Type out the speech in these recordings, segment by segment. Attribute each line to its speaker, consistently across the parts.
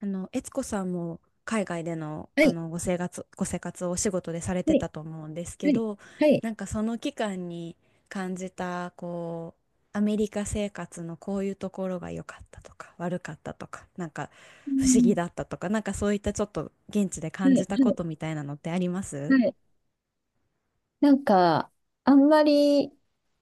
Speaker 1: 悦子さんも海外での、
Speaker 2: はい、
Speaker 1: ご生活をお仕事でされ
Speaker 2: は
Speaker 1: て
Speaker 2: い、
Speaker 1: たと思うんですけ
Speaker 2: はい、
Speaker 1: ど、
Speaker 2: はい、
Speaker 1: なんかその期間に感じた、アメリカ生活のこういうところが良かったとか、悪かったとか、なんか
Speaker 2: う
Speaker 1: 不思議
Speaker 2: ん。
Speaker 1: だったとか、なんかそういったちょっと現地で
Speaker 2: は
Speaker 1: 感
Speaker 2: い、
Speaker 1: じたこ
Speaker 2: は
Speaker 1: とみたいなのってありま
Speaker 2: い、
Speaker 1: す？
Speaker 2: はい。なんか、あんまり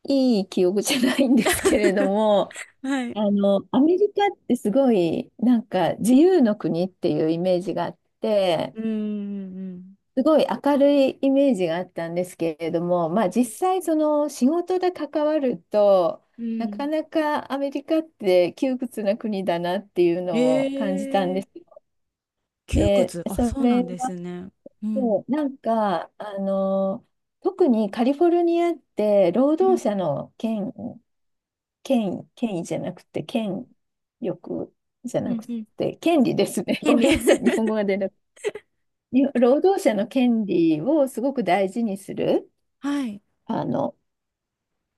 Speaker 2: いい記憶じゃないんですけれども、
Speaker 1: はい。
Speaker 2: アメリカってすごい、なんか、自由の国っていうイメージがあって、
Speaker 1: うんうん
Speaker 2: すごい明るいイメージがあったんですけれども、ま
Speaker 1: う
Speaker 2: あ、実
Speaker 1: ん。
Speaker 2: 際、その仕事で関わると、
Speaker 1: うん
Speaker 2: な
Speaker 1: う
Speaker 2: か
Speaker 1: ん。
Speaker 2: なかアメリカって窮屈な国だなっていう
Speaker 1: え
Speaker 2: のを感じたんで
Speaker 1: ー、
Speaker 2: すよ。
Speaker 1: 窮
Speaker 2: で、
Speaker 1: 屈。あ、そうなんですね。うん。
Speaker 2: そう、なんか、特にカリフォルニアって労
Speaker 1: う
Speaker 2: 働
Speaker 1: ん
Speaker 2: 者の権威じゃなくて、権力じゃ
Speaker 1: う
Speaker 2: な
Speaker 1: ん
Speaker 2: く
Speaker 1: うん。
Speaker 2: て、権利ですね。ご
Speaker 1: 権利。
Speaker 2: めん なさい、日本語が出なくて。に労働者の権利をすごく大事にする、
Speaker 1: はい。
Speaker 2: あの、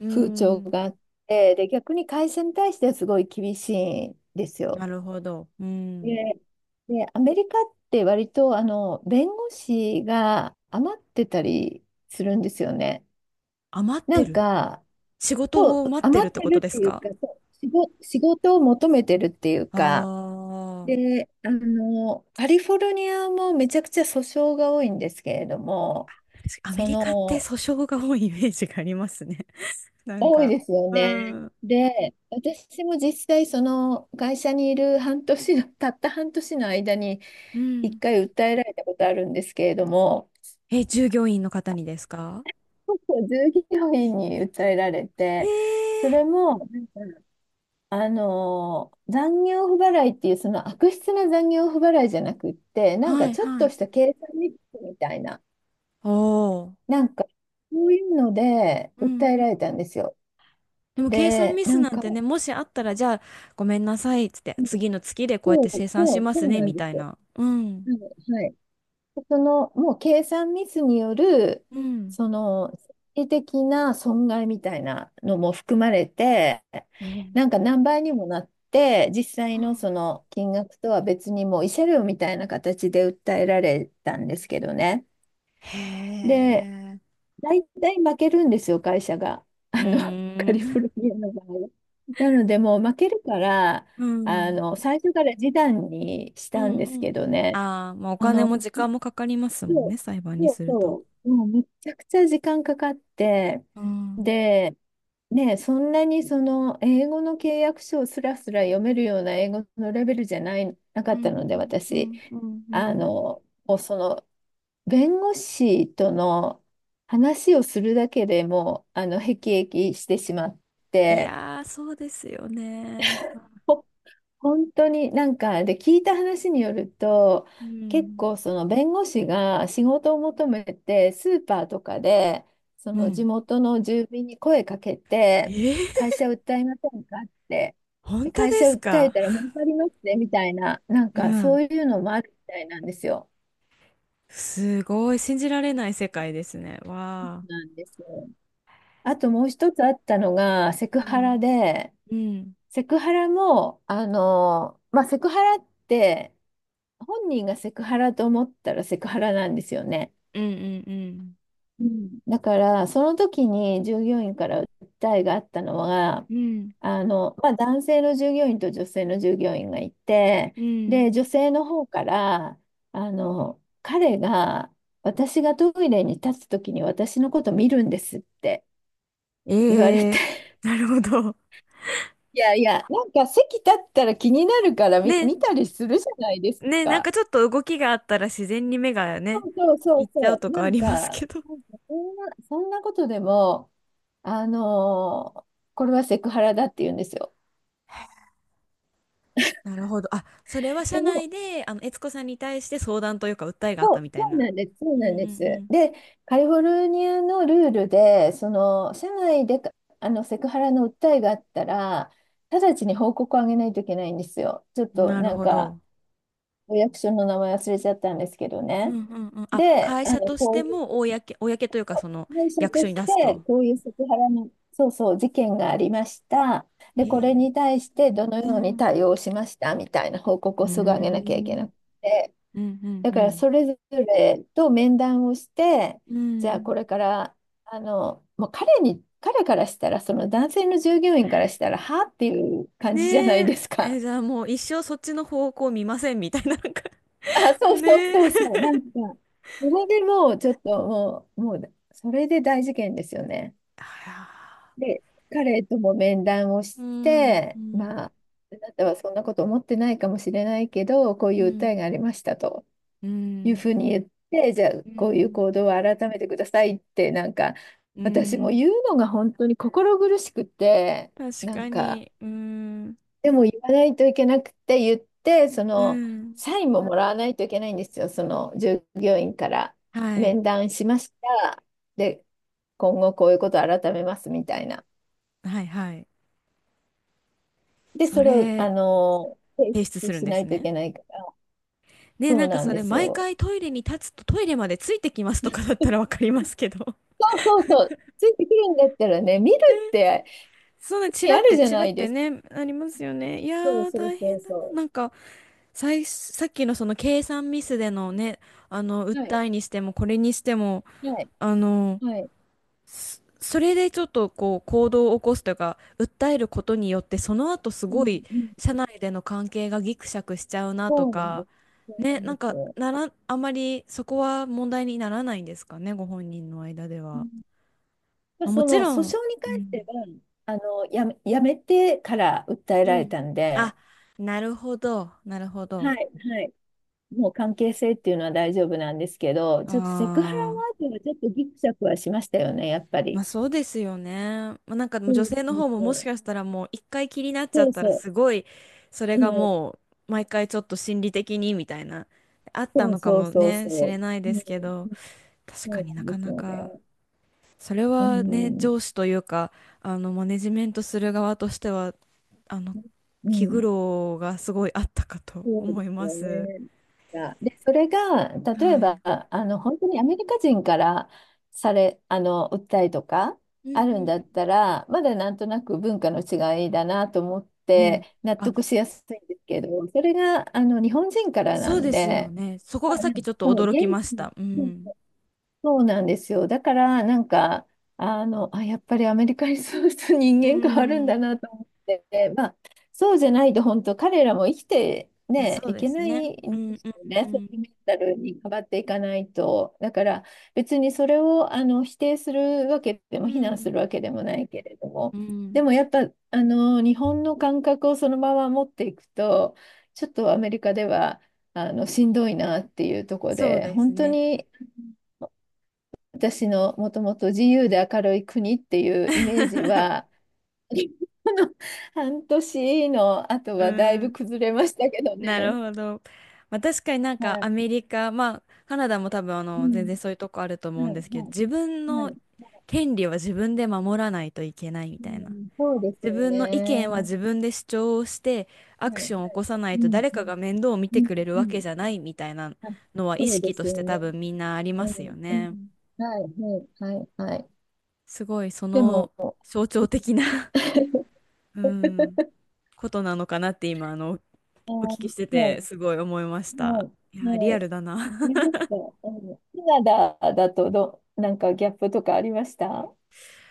Speaker 1: うー
Speaker 2: 風潮
Speaker 1: ん。
Speaker 2: があって、で、逆に会社に対してはすごい厳しいんですよ。
Speaker 1: なるほど。うん。
Speaker 2: で、で、アメリカって割と、弁護士が余ってたりするんですよね。
Speaker 1: あ、待っ
Speaker 2: な
Speaker 1: て
Speaker 2: ん
Speaker 1: る。
Speaker 2: か、
Speaker 1: 仕
Speaker 2: そ
Speaker 1: 事
Speaker 2: う、
Speaker 1: を待ってる
Speaker 2: 余
Speaker 1: っ
Speaker 2: っ
Speaker 1: て
Speaker 2: て
Speaker 1: こと
Speaker 2: るっ
Speaker 1: で
Speaker 2: て
Speaker 1: す
Speaker 2: いう
Speaker 1: か？
Speaker 2: か、そう仕事を求めてるっていうか、
Speaker 1: ああー。
Speaker 2: で、カリフォルニアもめちゃくちゃ訴訟が多いんですけれども、
Speaker 1: 確かアメ
Speaker 2: そ
Speaker 1: リカって
Speaker 2: の、
Speaker 1: 訴訟が多いイメージがありますね。なん
Speaker 2: 多い
Speaker 1: か。
Speaker 2: ですよ
Speaker 1: う
Speaker 2: ね。
Speaker 1: ん。
Speaker 2: で、私も実際、その会社にいる半年の、たった半年の間に、
Speaker 1: う
Speaker 2: 一
Speaker 1: ん。
Speaker 2: 回訴えられたことあるんですけれども、
Speaker 1: え、従業員の方にですか？
Speaker 2: そうそう従業員に訴えられて、そ
Speaker 1: え
Speaker 2: れ
Speaker 1: え
Speaker 2: も、残業不払いっていうその悪質な残業不払いじゃなくって、
Speaker 1: ー。
Speaker 2: なん
Speaker 1: は
Speaker 2: か
Speaker 1: い
Speaker 2: ちょっ
Speaker 1: は
Speaker 2: と
Speaker 1: い。
Speaker 2: した計算ミスみたいな、
Speaker 1: おー。
Speaker 2: なんかそういうので
Speaker 1: う
Speaker 2: 訴
Speaker 1: ん。
Speaker 2: えられたんですよ。
Speaker 1: でも計算
Speaker 2: で、
Speaker 1: ミス
Speaker 2: な
Speaker 1: な
Speaker 2: ん
Speaker 1: ん
Speaker 2: か、
Speaker 1: てね、もしあったら、じゃあ、ごめんなさい、つって、
Speaker 2: うん、
Speaker 1: 次の月でこうやっ
Speaker 2: そ
Speaker 1: て
Speaker 2: う
Speaker 1: 生産
Speaker 2: そ
Speaker 1: し
Speaker 2: う、
Speaker 1: ま
Speaker 2: そ
Speaker 1: す
Speaker 2: う
Speaker 1: ね、
Speaker 2: なん
Speaker 1: み
Speaker 2: で
Speaker 1: たい
Speaker 2: すよ。
Speaker 1: な。うん。
Speaker 2: はい、はい。その、もう計算ミスによる、
Speaker 1: うん。
Speaker 2: その、心理的な損害みたいなのも含まれて、
Speaker 1: えー、
Speaker 2: なんか何倍にもなって、実際のその金額とは別にもう慰謝料みたいな形で訴えられたんですけどね。
Speaker 1: へ
Speaker 2: で、
Speaker 1: え。
Speaker 2: 大体負けるんですよ、会社が。
Speaker 1: う
Speaker 2: カ
Speaker 1: ー
Speaker 2: リフォ
Speaker 1: ん。
Speaker 2: ルニアの場合。なので、もう負けるから、
Speaker 1: うん。
Speaker 2: 最初から示談にし
Speaker 1: う
Speaker 2: たん
Speaker 1: ん
Speaker 2: で
Speaker 1: う
Speaker 2: すけ
Speaker 1: ん。
Speaker 2: どね。
Speaker 1: ああ、まあお
Speaker 2: そ
Speaker 1: 金
Speaker 2: の
Speaker 1: も時間もかかりますもん
Speaker 2: そ
Speaker 1: ね、
Speaker 2: う、
Speaker 1: 裁判に
Speaker 2: そう
Speaker 1: すると。
Speaker 2: そう。もうめちゃくちゃ時間かかって、
Speaker 1: うん。
Speaker 2: で、ね、そんなにその英語の契約書をすらすら読めるような英語のレベルじゃない、なか
Speaker 1: う
Speaker 2: った
Speaker 1: ん
Speaker 2: ので、
Speaker 1: うんう
Speaker 2: 私、
Speaker 1: んうんうん。
Speaker 2: もうその弁護士との話をするだけでもう、へきしてしまっ
Speaker 1: い
Speaker 2: て、
Speaker 1: やー、そうですよね。
Speaker 2: 本当になんかで聞いた話によると、
Speaker 1: う
Speaker 2: 結
Speaker 1: ん。
Speaker 2: 構その弁護士が仕事を求めてスーパーとかでそ
Speaker 1: う
Speaker 2: の地
Speaker 1: ん。
Speaker 2: 元の住民に声かけて、
Speaker 1: え
Speaker 2: 会
Speaker 1: え。
Speaker 2: 社訴えませんかって、 で、
Speaker 1: 本当
Speaker 2: 会
Speaker 1: で
Speaker 2: 社
Speaker 1: す
Speaker 2: 訴え
Speaker 1: か？
Speaker 2: たら儲かりますねみたいな、なん
Speaker 1: う
Speaker 2: かそ
Speaker 1: ん。
Speaker 2: ういうのもあるみたいなんですよ。
Speaker 1: すごい、信じられない世界ですね。わ
Speaker 2: な
Speaker 1: あ。
Speaker 2: んですよ。あともう一つあったのがセク
Speaker 1: う
Speaker 2: ハラ
Speaker 1: ん。
Speaker 2: で、
Speaker 1: うん。
Speaker 2: セクハラも、まあ、セクハラって本人がセクハラと思ったらセクハラなんですよね。
Speaker 1: うんうん
Speaker 2: うん。だからその時に従業員から訴えがあったのは、
Speaker 1: うん。うん。
Speaker 2: まあ、男性の従業員と女性の従業員がいて、
Speaker 1: うん。
Speaker 2: で、女性の方から、彼が、私がトイレに立つ時に私のこと見るんですって
Speaker 1: え
Speaker 2: 言われて、
Speaker 1: えー。 なるほど。
Speaker 2: いやいや、なんか席立ったら気になるから
Speaker 1: ね。
Speaker 2: 見たりするじゃないです
Speaker 1: ね、なんか
Speaker 2: か。
Speaker 1: ちょっと動きがあったら自然に目が
Speaker 2: そ
Speaker 1: ね、
Speaker 2: うそうそ
Speaker 1: 行
Speaker 2: う
Speaker 1: っちゃう
Speaker 2: そ
Speaker 1: と
Speaker 2: う。
Speaker 1: か
Speaker 2: な
Speaker 1: あ
Speaker 2: ん
Speaker 1: り
Speaker 2: か、
Speaker 1: ますけど。
Speaker 2: なんかそんなことでも、あのーこれはセクハラだって言うんですよ。
Speaker 1: なるほど。あ、それは社
Speaker 2: でも、
Speaker 1: 内で、悦子さんに対して相談というか訴えがあっ
Speaker 2: そ
Speaker 1: た
Speaker 2: う、
Speaker 1: みたい
Speaker 2: そう
Speaker 1: な。
Speaker 2: なんです、そう
Speaker 1: うんう
Speaker 2: なんです。
Speaker 1: ん
Speaker 2: で、カリフォルニアのルールで、その、社内で、セクハラの訴えがあったら、直ちに報告をあげないといけないんですよ。ちょっ
Speaker 1: うん。
Speaker 2: と
Speaker 1: なる
Speaker 2: なん
Speaker 1: ほ
Speaker 2: か、
Speaker 1: ど。
Speaker 2: お役所の名前忘れちゃったんですけど
Speaker 1: うん
Speaker 2: ね。
Speaker 1: うんうん。あ、
Speaker 2: で、
Speaker 1: 会社としても公というか、その
Speaker 2: 会社
Speaker 1: 役
Speaker 2: と
Speaker 1: 所に
Speaker 2: し
Speaker 1: 出す
Speaker 2: て、
Speaker 1: と。
Speaker 2: こういうセクハラの、そうそう、事件がありました。で、
Speaker 1: へ
Speaker 2: これ
Speaker 1: え。
Speaker 2: に対してどの
Speaker 1: う
Speaker 2: ように
Speaker 1: ん。
Speaker 2: 対応しましたみたいな報告
Speaker 1: う
Speaker 2: を
Speaker 1: ー
Speaker 2: すぐ上げなきゃいけな
Speaker 1: ん。
Speaker 2: くて、
Speaker 1: うん
Speaker 2: だ
Speaker 1: う
Speaker 2: から
Speaker 1: ん
Speaker 2: それぞれと面談をして、
Speaker 1: うん。う
Speaker 2: じゃあ
Speaker 1: ん。
Speaker 2: これから、もう彼からしたら、その男性の従業員からしたら、はっていう感じじゃな
Speaker 1: ね
Speaker 2: いです
Speaker 1: え、え、
Speaker 2: か。
Speaker 1: じゃあもう一生そっちの方向見ませんみたいな、なんか
Speaker 2: あ、
Speaker 1: も
Speaker 2: そ
Speaker 1: う
Speaker 2: うそう
Speaker 1: ねえ。
Speaker 2: そうそう、なんか、それでもうちょっともう、もう、それで大事件ですよね。
Speaker 1: あら。
Speaker 2: で、彼とも面談をし
Speaker 1: うん。う
Speaker 2: て、
Speaker 1: ん
Speaker 2: まあ、あなたはそんなこと思ってないかもしれないけど、こう
Speaker 1: う
Speaker 2: いう訴
Speaker 1: ん、
Speaker 2: えがありましたと
Speaker 1: う
Speaker 2: いう
Speaker 1: ん、
Speaker 2: ふうに言って、じゃあ、
Speaker 1: う
Speaker 2: こういう
Speaker 1: ん、
Speaker 2: 行動を改めてくださいって、なんか、
Speaker 1: う
Speaker 2: 私も
Speaker 1: ん、
Speaker 2: 言うのが本当に心苦しくて、
Speaker 1: 確
Speaker 2: な
Speaker 1: か
Speaker 2: んか、
Speaker 1: に、うん、
Speaker 2: でも言わないといけなくて言って、そ
Speaker 1: う
Speaker 2: の、
Speaker 1: ん、
Speaker 2: サインももらわないといけないんですよ、その従業員から、
Speaker 1: はい、
Speaker 2: 面談しました。で、今後こういうことを改めますみたいな。
Speaker 1: はい、はい。
Speaker 2: で、
Speaker 1: そ
Speaker 2: それを、
Speaker 1: れ、
Speaker 2: 提
Speaker 1: 提出
Speaker 2: 出
Speaker 1: するん
Speaker 2: し
Speaker 1: で
Speaker 2: な
Speaker 1: す
Speaker 2: いとい
Speaker 1: ね。
Speaker 2: けないから、
Speaker 1: ね、
Speaker 2: そ
Speaker 1: な
Speaker 2: う
Speaker 1: んか
Speaker 2: なん
Speaker 1: そ
Speaker 2: で
Speaker 1: れ、
Speaker 2: す
Speaker 1: 毎
Speaker 2: よ。
Speaker 1: 回トイレに立つとトイレまでついてきますとかだったらわ
Speaker 2: そ
Speaker 1: かりますけど。
Speaker 2: うそうそう。ついてくるんだったらね、見るって
Speaker 1: そんな、チ
Speaker 2: 意味
Speaker 1: ラ
Speaker 2: あ
Speaker 1: っ
Speaker 2: る
Speaker 1: て
Speaker 2: じゃ
Speaker 1: チラ
Speaker 2: な
Speaker 1: っ
Speaker 2: い
Speaker 1: て
Speaker 2: ですか。
Speaker 1: ね、ありますよね。いや
Speaker 2: そう
Speaker 1: ー、
Speaker 2: そう
Speaker 1: 大
Speaker 2: そう
Speaker 1: 変だな。
Speaker 2: そ
Speaker 1: なんか、さっきのその計算ミスでのね、
Speaker 2: う。はい。
Speaker 1: 訴えにしても、これにしても、
Speaker 2: はい。
Speaker 1: あの、
Speaker 2: はい。
Speaker 1: それでちょっとこう行動を起こすというか訴えることによってその後す
Speaker 2: う
Speaker 1: ご
Speaker 2: ん
Speaker 1: い
Speaker 2: うん。
Speaker 1: 社内での関係がギクシャクしちゃうなと
Speaker 2: そうなん
Speaker 1: か、
Speaker 2: です。そう
Speaker 1: ね、
Speaker 2: なん
Speaker 1: な
Speaker 2: で
Speaker 1: ん
Speaker 2: す
Speaker 1: か
Speaker 2: よ。
Speaker 1: なら、あまりそこは問題にならないんですかね、ご本人の間で
Speaker 2: う
Speaker 1: は。
Speaker 2: ん、まあ、
Speaker 1: まあ、も
Speaker 2: そ
Speaker 1: ち
Speaker 2: の
Speaker 1: ろ
Speaker 2: 訴訟
Speaker 1: ん。
Speaker 2: に
Speaker 1: う
Speaker 2: 関して
Speaker 1: ん
Speaker 2: は、やめてから訴え
Speaker 1: う
Speaker 2: られ
Speaker 1: ん、
Speaker 2: たんで、
Speaker 1: あ、なるほどなるほど、
Speaker 2: はい、はい。もう関係性っていうのは大丈夫なんですけど、ち
Speaker 1: あ、
Speaker 2: ょっとセクハラワードはちょっとギクシャクはしましたよね、やっぱ
Speaker 1: ま
Speaker 2: り。
Speaker 1: あそうですよね。まあ、なんかもう
Speaker 2: そう
Speaker 1: 女
Speaker 2: な
Speaker 1: 性の
Speaker 2: んで
Speaker 1: 方も
Speaker 2: す
Speaker 1: もし
Speaker 2: よ。
Speaker 1: かしたらもう一回気になっちゃ
Speaker 2: そ
Speaker 1: っ
Speaker 2: う
Speaker 1: たら、
Speaker 2: そ
Speaker 1: すごいそれ
Speaker 2: う。
Speaker 1: が
Speaker 2: うん。
Speaker 1: もう毎回ちょっと心理的にみたいなあった
Speaker 2: そう
Speaker 1: のか
Speaker 2: そう
Speaker 1: も
Speaker 2: そう
Speaker 1: ねしれ
Speaker 2: そ
Speaker 1: ない
Speaker 2: う。
Speaker 1: で
Speaker 2: う
Speaker 1: すけ
Speaker 2: ん。
Speaker 1: ど、確
Speaker 2: そ
Speaker 1: か
Speaker 2: う
Speaker 1: にな
Speaker 2: なん
Speaker 1: か
Speaker 2: です
Speaker 1: な
Speaker 2: よ
Speaker 1: か、
Speaker 2: ね。
Speaker 1: それ
Speaker 2: う
Speaker 1: はね、
Speaker 2: ん。
Speaker 1: 上司というか、マネジメントする側としては、あの
Speaker 2: う
Speaker 1: 気苦
Speaker 2: ん。
Speaker 1: 労がすごいあったかと
Speaker 2: そうで
Speaker 1: 思い
Speaker 2: す
Speaker 1: ま
Speaker 2: よ
Speaker 1: す。
Speaker 2: ね。で、それが、
Speaker 1: は
Speaker 2: 例え
Speaker 1: い。
Speaker 2: ば、本当にアメリカ人から訴えとか
Speaker 1: う
Speaker 2: あ
Speaker 1: んう
Speaker 2: るん
Speaker 1: ん
Speaker 2: だったら、まだなんとなく文化の違いだなと思っ
Speaker 1: うん。うん。
Speaker 2: て納
Speaker 1: あ、
Speaker 2: 得しやすいんですけど、それが、日本人からな
Speaker 1: そう
Speaker 2: ん
Speaker 1: ですよ
Speaker 2: で、
Speaker 1: ね。そこ
Speaker 2: ま
Speaker 1: が
Speaker 2: あ、
Speaker 1: さっきちょっと
Speaker 2: そう、
Speaker 1: 驚きまし
Speaker 2: 地、
Speaker 1: た。うん。
Speaker 2: そうなんですよ。だから、なんか、やっぱりアメリカにそうすると人
Speaker 1: う
Speaker 2: 間変わるんだ
Speaker 1: ん。
Speaker 2: なと思って、まあ、そうじゃないと、本当、彼らも生きて、
Speaker 1: まあ、
Speaker 2: ね、
Speaker 1: そう
Speaker 2: い
Speaker 1: で
Speaker 2: け
Speaker 1: す
Speaker 2: な
Speaker 1: ね。
Speaker 2: い
Speaker 1: う
Speaker 2: ん
Speaker 1: ん
Speaker 2: で
Speaker 1: う
Speaker 2: す
Speaker 1: ん
Speaker 2: よ
Speaker 1: う
Speaker 2: ね、そ
Speaker 1: ん。
Speaker 2: ういうメンタルに変わっていかないと。だから、別にそれを否定するわけで
Speaker 1: う
Speaker 2: も、非難す
Speaker 1: ん。
Speaker 2: るわけでもないけれども、
Speaker 1: うん。
Speaker 2: でもやっぱ、日本の感覚をそのまま持っていくと、ちょっとアメリカでは、しんどいなっていうところ
Speaker 1: そう
Speaker 2: で、
Speaker 1: です
Speaker 2: 本当
Speaker 1: ね。
Speaker 2: に私のもともと自由で明るい国っていうイメージ は、この半年の後
Speaker 1: う
Speaker 2: はだいぶ
Speaker 1: ん。
Speaker 2: 崩れましたけど
Speaker 1: なる
Speaker 2: ね。
Speaker 1: ほど。まあ、確かになんか
Speaker 2: は
Speaker 1: ア
Speaker 2: い。
Speaker 1: メリカ、まあカナダも多分
Speaker 2: う
Speaker 1: 全
Speaker 2: ん。
Speaker 1: 然そういうとこあると思うん
Speaker 2: はい、
Speaker 1: ですけど、
Speaker 2: は
Speaker 1: 自分
Speaker 2: い、は
Speaker 1: の
Speaker 2: い。
Speaker 1: 権利は自分で守らないといけないみ
Speaker 2: う
Speaker 1: たいな。
Speaker 2: ん、そうです
Speaker 1: 自
Speaker 2: よ
Speaker 1: 分の意見は
Speaker 2: ね。
Speaker 1: 自分で主張をしてア
Speaker 2: は
Speaker 1: ク
Speaker 2: い。
Speaker 1: ションを起こさない
Speaker 2: う
Speaker 1: と
Speaker 2: ん、
Speaker 1: 誰
Speaker 2: う
Speaker 1: かが
Speaker 2: ん、
Speaker 1: 面倒を見
Speaker 2: う
Speaker 1: て
Speaker 2: ん。
Speaker 1: くれる
Speaker 2: う
Speaker 1: わけ
Speaker 2: ん、
Speaker 1: じゃないみたいな
Speaker 2: あ、
Speaker 1: のは意
Speaker 2: そうで
Speaker 1: 識と
Speaker 2: す
Speaker 1: し
Speaker 2: よ
Speaker 1: て
Speaker 2: ね。
Speaker 1: 多分みんなあり
Speaker 2: う
Speaker 1: ますよ
Speaker 2: ん、う
Speaker 1: ね。
Speaker 2: ん。はい、はい、はい、はい。
Speaker 1: すごいそ
Speaker 2: でも、
Speaker 1: の
Speaker 2: は
Speaker 1: 象徴的な、うん、ことなのかなって今
Speaker 2: い、
Speaker 1: お
Speaker 2: は
Speaker 1: 聞きして
Speaker 2: い、
Speaker 1: てすごい思いまし
Speaker 2: は
Speaker 1: た。いや
Speaker 2: い、
Speaker 1: ー、
Speaker 2: は
Speaker 1: リ
Speaker 2: い。
Speaker 1: アルだな。
Speaker 2: あれですか？うん、カナダだと、なんかギャップとかありました？は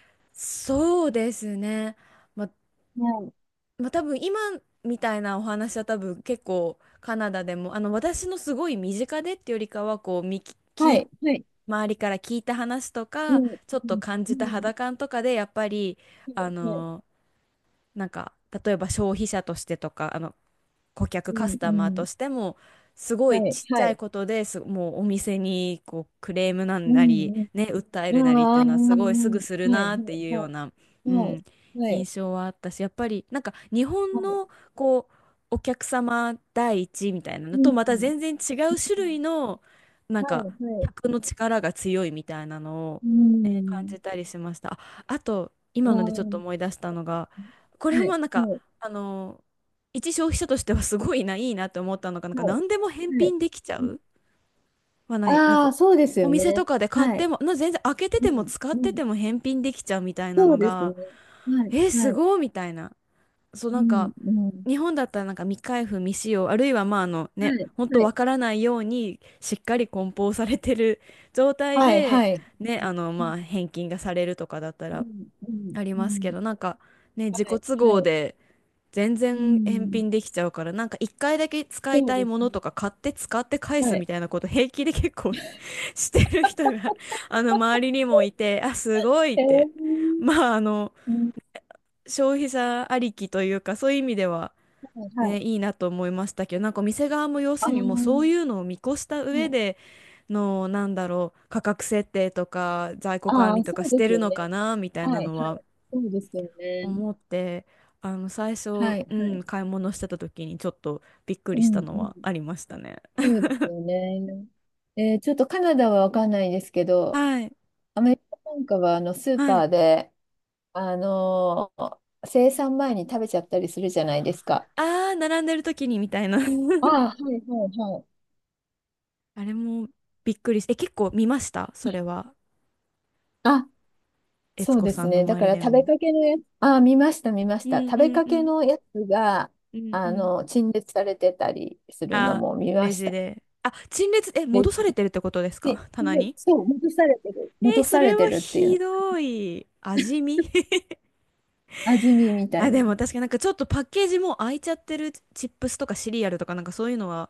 Speaker 1: そうですね。ま、
Speaker 2: い。
Speaker 1: まあ、多分今みたいなお話は多分結構カナダでも私のすごい身近でってよりかはこうみき、
Speaker 2: は
Speaker 1: き
Speaker 2: い、はい。
Speaker 1: 周りから聞いた話と
Speaker 2: う
Speaker 1: か
Speaker 2: ん、
Speaker 1: ちょっ
Speaker 2: う
Speaker 1: と
Speaker 2: ん、
Speaker 1: 感
Speaker 2: う
Speaker 1: じた
Speaker 2: ん、
Speaker 1: 肌感とかでやっぱり
Speaker 2: は
Speaker 1: あ
Speaker 2: い、
Speaker 1: のなんか、例えば消費者としてとか、顧客
Speaker 2: う
Speaker 1: カス
Speaker 2: ん、う
Speaker 1: タマーと
Speaker 2: ん、
Speaker 1: してもすごい
Speaker 2: はい、
Speaker 1: ちっち
Speaker 2: は
Speaker 1: ゃい
Speaker 2: い、
Speaker 1: ことです。もうお店にこうクレームな
Speaker 2: う
Speaker 1: んなり
Speaker 2: ん、
Speaker 1: ね訴え
Speaker 2: う
Speaker 1: るな
Speaker 2: ん、
Speaker 1: りって
Speaker 2: あ
Speaker 1: い
Speaker 2: あ、
Speaker 1: うのはすごいすぐする
Speaker 2: はい、は
Speaker 1: な
Speaker 2: い、
Speaker 1: っていうよう
Speaker 2: は
Speaker 1: な、
Speaker 2: い、
Speaker 1: う
Speaker 2: はい、
Speaker 1: ん、
Speaker 2: はい、
Speaker 1: 印象はあったし、やっぱりなんか日
Speaker 2: は
Speaker 1: 本
Speaker 2: い、
Speaker 1: のこうお客様第一みたいな
Speaker 2: う
Speaker 1: のとまた
Speaker 2: ん、
Speaker 1: 全然違う種類のなん
Speaker 2: はい、
Speaker 1: か
Speaker 2: はい、
Speaker 1: 客の力が強いみたいなのを、
Speaker 2: う
Speaker 1: ね、感
Speaker 2: ん、
Speaker 1: じたりしました。あ、あと
Speaker 2: ああ、
Speaker 1: 今のでちょっと
Speaker 2: は
Speaker 1: 思い出したのが、こ
Speaker 2: い、
Speaker 1: れ
Speaker 2: は
Speaker 1: もなんか
Speaker 2: い、
Speaker 1: あの一消費者としてはすごいな、いいなって思ったのが、なんか
Speaker 2: は
Speaker 1: 何でも返
Speaker 2: い、はい。
Speaker 1: 品できちゃうはない、なん
Speaker 2: あ
Speaker 1: か
Speaker 2: あ、そうですよ
Speaker 1: お店と
Speaker 2: ね。
Speaker 1: かで買っ
Speaker 2: は
Speaker 1: て
Speaker 2: い。
Speaker 1: も、な全然開けて
Speaker 2: う
Speaker 1: ても
Speaker 2: ん、
Speaker 1: 使
Speaker 2: う
Speaker 1: って
Speaker 2: ん。
Speaker 1: ても返品できちゃうみたいな
Speaker 2: そ
Speaker 1: の
Speaker 2: うですね。
Speaker 1: が、
Speaker 2: はい、
Speaker 1: えー、
Speaker 2: は
Speaker 1: す
Speaker 2: い。
Speaker 1: ごいみたいな。そう、
Speaker 2: う
Speaker 1: なん
Speaker 2: ん、
Speaker 1: か
Speaker 2: うん。
Speaker 1: 日本だったらなんか未開封未使用、あるいはまあ、
Speaker 2: は
Speaker 1: ね、
Speaker 2: い、
Speaker 1: ほんと
Speaker 2: はい。
Speaker 1: わからないようにしっかり梱包されてる 状態
Speaker 2: はい、
Speaker 1: で、
Speaker 2: はい。
Speaker 1: ね、
Speaker 2: う
Speaker 1: ま
Speaker 2: ん、
Speaker 1: あ返金がされるとかだった
Speaker 2: う
Speaker 1: ら
Speaker 2: ん、うん、
Speaker 1: あり
Speaker 2: う
Speaker 1: ますけ
Speaker 2: ん。
Speaker 1: ど、なんかね、
Speaker 2: は
Speaker 1: 自己
Speaker 2: い、
Speaker 1: 都合
Speaker 2: はい。
Speaker 1: で。全
Speaker 2: う
Speaker 1: 然返
Speaker 2: ん。
Speaker 1: 品できちゃうから、なんか一回だけ使い
Speaker 2: そう
Speaker 1: たい
Speaker 2: です
Speaker 1: もの
Speaker 2: ね。
Speaker 1: とか買って使って返す
Speaker 2: はい。
Speaker 1: みたいなこと平気で結構 してる人が 周りにもいて、あ、すごいっ
Speaker 2: え
Speaker 1: て。
Speaker 2: ー、
Speaker 1: まあ、
Speaker 2: うん、
Speaker 1: 消費者ありきというか、そういう意味では、
Speaker 2: はい、は
Speaker 1: ね、い
Speaker 2: い。
Speaker 1: いなと思いましたけど、なんか店側も要
Speaker 2: あ
Speaker 1: す
Speaker 2: あ、は
Speaker 1: るにもうそういうのを見越した上
Speaker 2: い。
Speaker 1: での、なんだろう、価格設定とか在庫管
Speaker 2: あ
Speaker 1: 理
Speaker 2: あ、
Speaker 1: とか
Speaker 2: そう
Speaker 1: し
Speaker 2: で
Speaker 1: て
Speaker 2: す
Speaker 1: る
Speaker 2: よ
Speaker 1: のか
Speaker 2: ね。
Speaker 1: な、みたい
Speaker 2: はい、
Speaker 1: な
Speaker 2: はい。
Speaker 1: のは
Speaker 2: そうですよね。
Speaker 1: 思って、最
Speaker 2: は
Speaker 1: 初、
Speaker 2: い、
Speaker 1: う
Speaker 2: は
Speaker 1: ん、
Speaker 2: い。
Speaker 1: 買い物してた時にちょっとびっく
Speaker 2: う
Speaker 1: りし
Speaker 2: ん、
Speaker 1: た
Speaker 2: う
Speaker 1: の
Speaker 2: ん。
Speaker 1: はありましたね。
Speaker 2: そうですよね。ちょっとカナダはわかんないですけど、
Speaker 1: はい
Speaker 2: アメリカなんかはスー
Speaker 1: は
Speaker 2: パ
Speaker 1: い。
Speaker 2: ーで、あのー生産前に食べちゃったりするじゃないですか。
Speaker 1: ああ、並んでる時にみたいな。
Speaker 2: ああ、は いはいはい。
Speaker 1: あれもびっくりし、え、結構見ましたそれは。
Speaker 2: あ、
Speaker 1: 悦
Speaker 2: そう
Speaker 1: 子
Speaker 2: で
Speaker 1: さ
Speaker 2: す
Speaker 1: んの
Speaker 2: ね。だ
Speaker 1: 周
Speaker 2: か
Speaker 1: り
Speaker 2: ら
Speaker 1: で
Speaker 2: 食べ
Speaker 1: も。
Speaker 2: かけのやつ、ああ、見ました、見まし
Speaker 1: う
Speaker 2: た。
Speaker 1: ん
Speaker 2: 食
Speaker 1: う
Speaker 2: べ
Speaker 1: ん
Speaker 2: か
Speaker 1: う
Speaker 2: け
Speaker 1: ん
Speaker 2: のやつが、
Speaker 1: うんうん。
Speaker 2: 陳列されてたりするの
Speaker 1: あ、
Speaker 2: も見ま
Speaker 1: レ
Speaker 2: し
Speaker 1: ジ
Speaker 2: た。
Speaker 1: で、あ、陳列、え、
Speaker 2: で、
Speaker 1: 戻されてるってことですか、棚
Speaker 2: で
Speaker 1: に？
Speaker 2: そう、戻されてる。
Speaker 1: えー、
Speaker 2: 戻
Speaker 1: そ
Speaker 2: され
Speaker 1: れ
Speaker 2: て
Speaker 1: は
Speaker 2: るってい
Speaker 1: ひ
Speaker 2: う、
Speaker 1: どい。味見。
Speaker 2: 味見みたい
Speaker 1: あ、
Speaker 2: な。
Speaker 1: でも確かになんかちょっとパッケージもう開いちゃってるチップスとかシリアルとかなんかそういうのは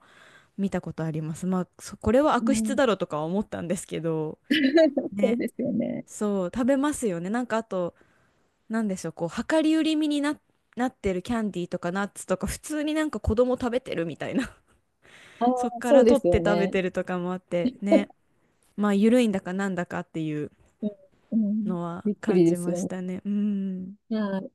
Speaker 1: 見たことあります。まあ、これは
Speaker 2: う
Speaker 1: 悪質
Speaker 2: ん、
Speaker 1: だろうとかは思ったんですけど、
Speaker 2: そう
Speaker 1: ね、
Speaker 2: ですよね。
Speaker 1: そう、食べますよね。なんかあと、なんでしょう、こう、量り売り身にな、なってるキャンディーとかナッツとか、普通になんか子供食べてるみたいな
Speaker 2: あ
Speaker 1: そっ
Speaker 2: あ、
Speaker 1: か
Speaker 2: そ
Speaker 1: ら
Speaker 2: うで
Speaker 1: 取っ
Speaker 2: すよ
Speaker 1: て食べ
Speaker 2: ね。
Speaker 1: てるとかもあって、ね、まあ、緩いんだかなんだかっていう
Speaker 2: うん、うん。
Speaker 1: のは
Speaker 2: びっく
Speaker 1: 感
Speaker 2: りで
Speaker 1: じ
Speaker 2: す
Speaker 1: ま
Speaker 2: よ
Speaker 1: し
Speaker 2: ね。
Speaker 1: たね。うん。
Speaker 2: はい。